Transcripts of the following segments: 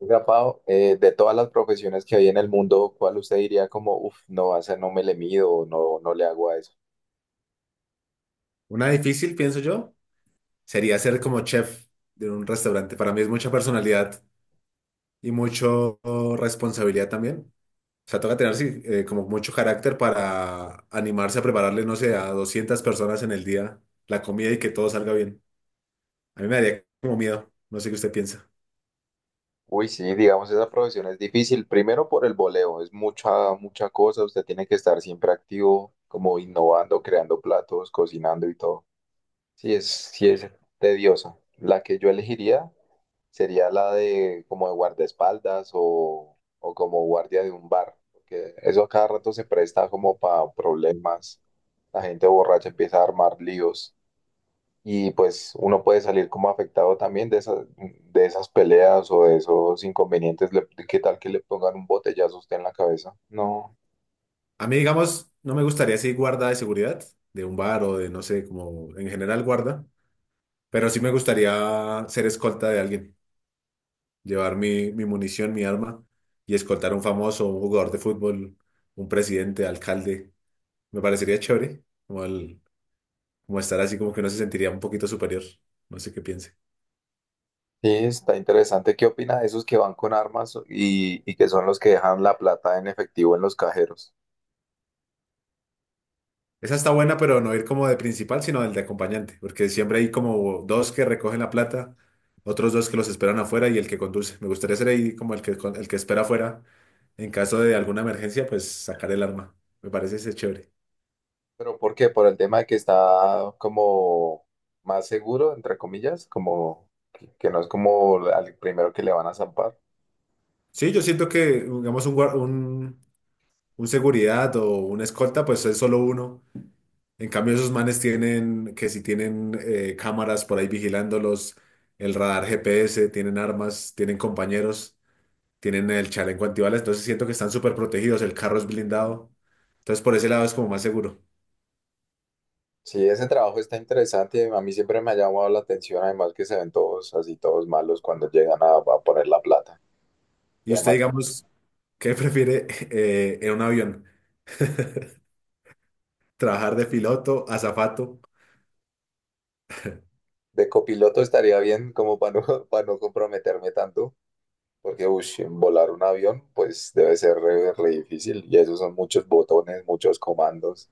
Oiga, Pau, de todas las profesiones que hay en el mundo, ¿cuál usted diría como, uff, no, a esa no me le mido, o no, no le hago a eso? Una difícil, pienso yo, sería ser como chef de un restaurante. Para mí es mucha personalidad y mucho responsabilidad también. O sea, toca tener sí, como mucho carácter para animarse a prepararle, no sé, a 200 personas en el día la comida y que todo salga bien. A mí me daría como miedo, no sé qué usted piensa. Uy, sí, digamos, esa profesión es difícil, primero por el voleo, es mucha, mucha cosa, usted tiene que estar siempre activo, como innovando, creando platos, cocinando y todo. Sí es tediosa. La que yo elegiría sería la de como de guardaespaldas o como guardia de un bar, porque eso a cada rato se presta como para problemas. La gente borracha empieza a armar líos y pues uno puede salir como afectado también de esas peleas o de esos inconvenientes. ¿Qué tal que le pongan un botellazo a usted en la cabeza? No. A mí, digamos, no me gustaría así guarda de seguridad de un bar o de, no sé, como en general guarda, pero sí me gustaría ser escolta de alguien. Llevar mi munición, mi arma y escoltar a un famoso, un jugador de fútbol, un presidente, alcalde. Me parecería chévere, como, como estar así como que uno se sentiría un poquito superior. No sé qué piense. Sí, está interesante. ¿Qué opina de esos que van con armas y que son los que dejan la plata en efectivo en los cajeros? Esa está buena, pero no ir como de principal, sino del de acompañante, porque siempre hay como dos que recogen la plata, otros dos que los esperan afuera y el que conduce. Me gustaría ser ahí como el que espera afuera. En caso de alguna emergencia, pues sacar el arma. Me parece ese chévere. ¿Pero por qué? Por el tema de que está como más seguro, entre comillas, como que no es como al primero que le van a zampar. Sí, yo siento que, digamos, un seguridad o una escolta, pues es solo uno. En cambio, esos manes tienen, que si tienen cámaras por ahí vigilándolos, el radar GPS, tienen armas, tienen compañeros, tienen el chaleco antibalas, entonces siento que están súper protegidos, el carro es blindado. Entonces, por ese lado es como más seguro. Sí, ese trabajo está interesante. A mí siempre me ha llamado la atención, además que se ven todos así, todos malos cuando llegan a poner la plata. Y Y usted, además digamos, ¿qué prefiere en un avión? ¿Trabajar de piloto, azafato? de copiloto estaría bien como para no, para no comprometerme tanto, porque ush, volar un avión pues debe ser re, re difícil y esos son muchos botones, muchos comandos.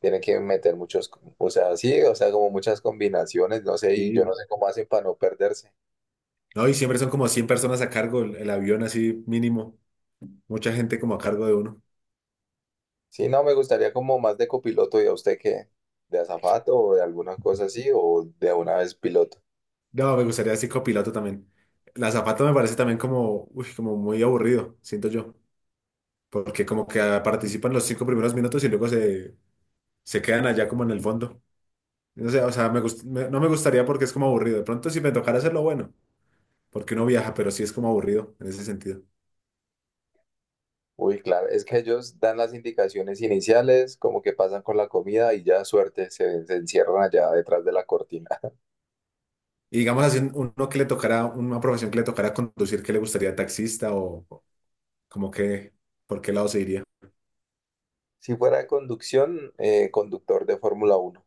Tienen que meter muchos, o sea, sí, o sea, como muchas combinaciones, no sé, y yo Sí. no sé cómo hacen para no perderse. No, y siempre son como 100 personas a cargo el avión así mínimo. Mucha gente como a cargo de uno. Sí, no, me gustaría como más de copiloto y a usted que de azafato o de alguna cosa así, o de una vez piloto. No, me gustaría así copiloto también. La zapata me parece también como, uy, como muy aburrido, siento yo. Porque como que participan los 5 primeros minutos y luego se quedan allá como en el fondo. No sé, o sea, no me gustaría porque es como aburrido. De pronto si me tocara hacerlo, bueno, porque uno viaja, pero sí es como aburrido en ese sentido. Uy, claro, es que ellos dan las indicaciones iniciales, como que pasan con la comida y ya suerte, se encierran allá detrás de la cortina. Y digamos así, uno que le tocara, una profesión que le tocara conducir, qué le gustaría taxista o como que, ¿por qué lado se iría? Si fuera de conducción, conductor de Fórmula uno.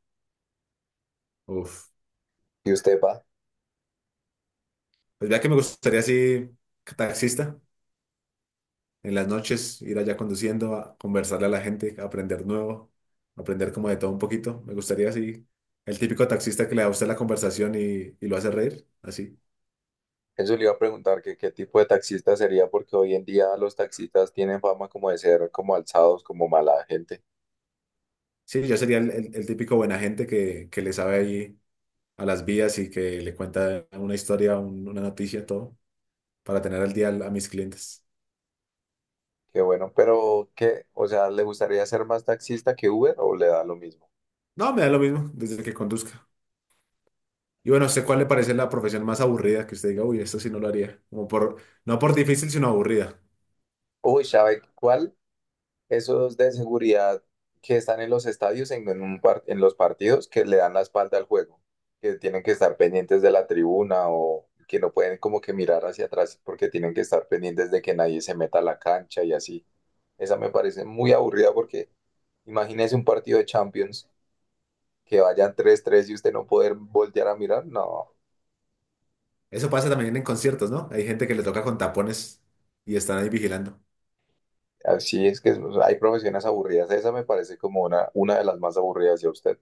Uf, ¿Y usted va? pues ya que me gustaría así taxista. En las noches ir allá conduciendo, a conversarle a la gente, a aprender nuevo, aprender como de todo un poquito. Me gustaría así, el típico taxista que le da a usted la conversación y lo hace reír, así. Eso le iba a preguntar, que qué tipo de taxista sería, porque hoy en día los taxistas tienen fama como de ser como alzados, como mala gente. Sí, yo sería el típico buena gente que le sabe ahí a las vías y que le cuenta una historia, una noticia, todo, para tener al día a mis clientes. Qué bueno, pero ¿qué? O sea, ¿le gustaría ser más taxista que Uber o le da lo mismo? No, me da lo mismo desde que conduzca. Y bueno, ¿sé cuál le parece la profesión más aburrida que usted diga, uy, esto sí no lo haría? Como por, no por difícil, sino aburrida. Uy, ¿sabe cuál? Esos de seguridad que están en los estadios, en en los partidos, que le dan la espalda al juego, que tienen que estar pendientes de la tribuna o que no pueden como que mirar hacia atrás porque tienen que estar pendientes de que nadie se meta a la cancha y así. Esa me parece muy aburrida porque imagínese un partido de Champions que vayan tres tres y usted no poder voltear a mirar. No, Eso pasa también en conciertos, ¿no? Hay gente que le toca con tapones y están ahí vigilando. así es que hay profesiones aburridas. Esa me parece como una de las más aburridas, ya usted?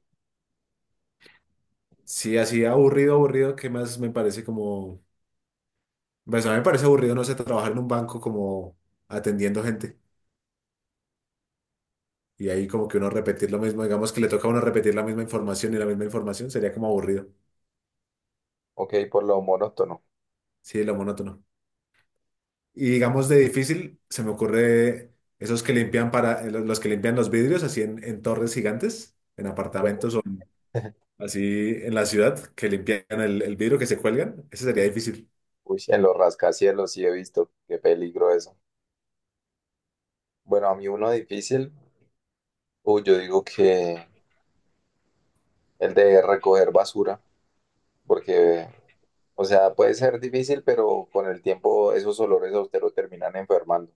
Sí, así aburrido, aburrido, ¿qué más me parece como... Pues a mí me parece aburrido, no sé, trabajar en un banco como atendiendo gente y ahí como que uno repetir lo mismo, digamos que le toca a uno repetir la misma información y la misma información, sería como aburrido. Ok, por lo monótono. Sí, lo monótono. Y digamos de difícil, se me ocurre esos que limpian para, los que limpian los vidrios así en torres gigantes, en apartamentos así en la ciudad, que limpian el vidrio que se cuelgan, ese sería difícil. Uy, en los rascacielos sí he visto. Qué peligro eso. Bueno, a mí uno difícil, uy, yo digo que el de recoger basura, porque, o sea, puede ser difícil, pero con el tiempo esos olores a usted lo terminan enfermando.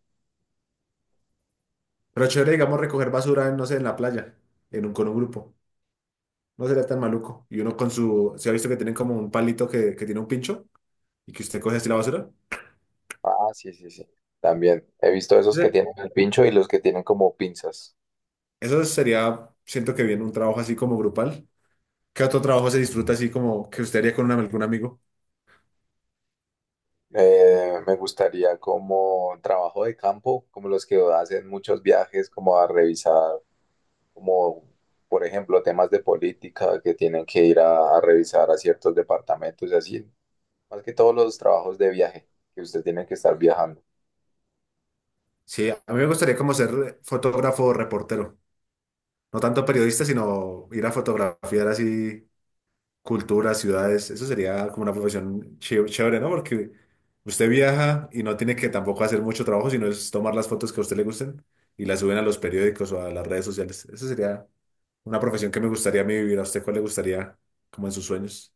Pero chévere, digamos, recoger basura, no sé, en la playa, en un, con un grupo. No sería tan maluco. Y uno con su, ¿se ha visto que tienen como un palito que tiene un pincho y que usted coge así la basura? Ah, sí, sí, sí. También he visto esos que Ese- tienen el pincho y los que tienen como pinzas. Eso sería, siento que bien, un trabajo así como grupal. ¿Qué otro trabajo se disfruta así como que usted haría con un, algún amigo? Me gustaría como trabajo de campo, como los que hacen muchos viajes, como a revisar, como por ejemplo temas de política que tienen que ir a revisar a ciertos departamentos y así. Más que todos los trabajos de viaje que usted tiene que estar viajando. Sí, a mí me gustaría como ser fotógrafo o reportero. No tanto periodista, sino ir a fotografiar así culturas, ciudades. Eso sería como una profesión chévere, ¿no? Porque usted viaja y no tiene que tampoco hacer mucho trabajo, sino es tomar las fotos que a usted le gusten y las suben a los periódicos o a las redes sociales. Eso sería una profesión que me gustaría a mí vivir. ¿A usted cuál le gustaría como en sus sueños?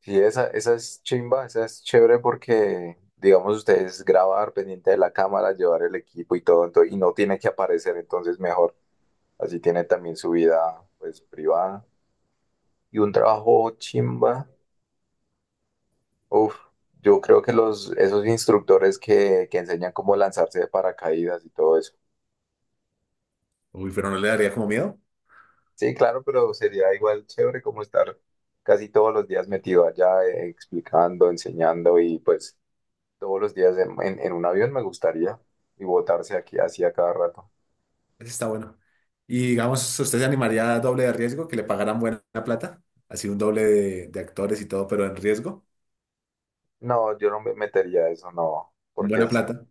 Sí, esa es chimba, esa es chévere porque, digamos, ustedes grabar pendiente de la cámara, llevar el equipo y todo, entonces, y no tiene que aparecer, entonces mejor. Así tiene también su vida, pues, privada y un trabajo chimba. Uf, yo creo que los, esos instructores que enseñan cómo lanzarse de paracaídas y todo eso. Uy, pero no le daría como miedo. Sí, claro, pero sería igual chévere como estar casi todos los días metido allá, explicando, enseñando y pues todos los días en, en un avión me gustaría y botarse aquí así a cada rato. Eso está bueno. Y digamos, ¿usted se animaría a doble de riesgo, que le pagaran buena plata? Así un doble de actores y todo, pero en riesgo. No, yo no me metería a eso, no, porque Buena plata.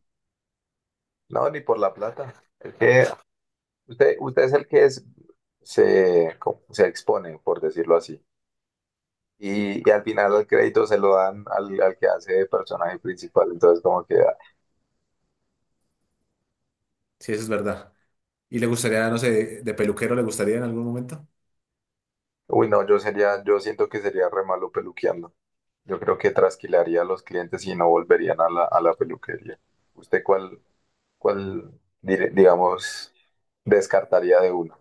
no, ni por la plata. Es que usted, usted es el que es, se, se expone, por decirlo así. Y al final el crédito se lo dan al, al que hace de personaje principal. Entonces, como que, ah, Sí, eso es verdad. ¿Y le gustaría, no sé, de, peluquero le gustaría en algún momento? uy, no, yo sería, yo siento que sería re malo peluqueando. Yo creo que trasquilaría a los clientes y no volverían a la peluquería. ¿Usted cuál, cuál, digamos, descartaría de uno?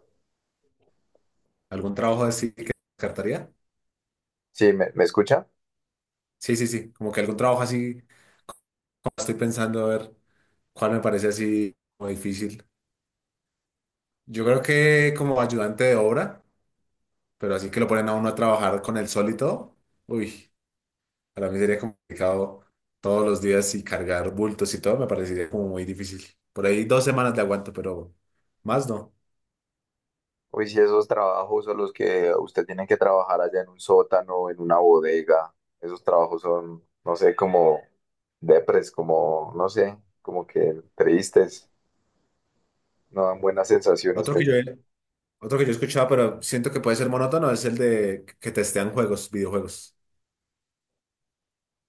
¿Algún trabajo así que descartaría? Sí, ¿me, me escucha? Sí, sí, sí. Como que algún trabajo así, como estoy pensando, a ver cuál me parece así como difícil. Yo creo que como ayudante de obra, pero así que lo ponen a uno a trabajar con el sol y todo. Uy, para mí sería complicado todos los días y cargar bultos y todo, me parecería como muy difícil. Por ahí 2 semanas le aguanto, pero más no. Uy, sí, esos trabajos son los que usted tiene que trabajar allá en un sótano, en una bodega. Esos trabajos son, no sé, como depres, como, no sé, como que tristes, no dan buenas sensaciones. Otro que Te- yo, Otro que yo he escuchado, pero siento que puede ser monótono, es el de que testean juegos, videojuegos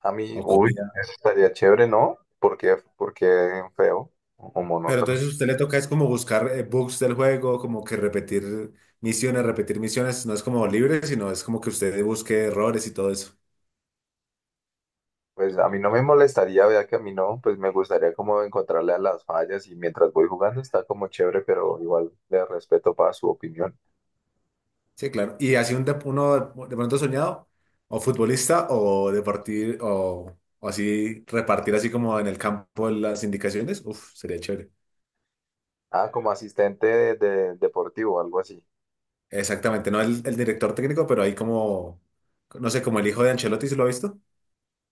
A mí, o uy, comida. eso estaría chévere, ¿no? Porque, porque feo o Pero monótono. entonces si a usted le toca es como buscar bugs del juego, como que repetir misiones. No es como libre, sino es como que usted busque errores y todo eso. Pues a mí no me molestaría, vea que a mí no, pues me gustaría como encontrarle a las fallas y mientras voy jugando está como chévere, pero igual le respeto para su opinión. Sí, claro. Y así uno de pronto soñado, o futbolista, o de partir, o así repartir así como en el campo las indicaciones. Uf, sería chévere. Ah, como asistente de, deportivo, algo así. Exactamente, no el director técnico, pero ahí como, no sé, como el hijo de Ancelotti, ¿se lo ha visto?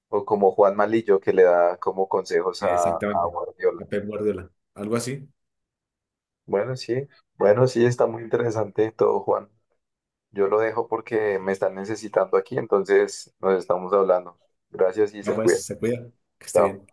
O como Juan Malillo, que le da como consejos a Exactamente. Guardiola. La Pep Guardiola. Algo así. Bueno, sí, bueno, sí, está muy interesante todo, Juan. Yo lo dejo porque me están necesitando aquí, entonces nos estamos hablando. Gracias y No, se pues, cuida. se cuida. Que esté Chao. bien.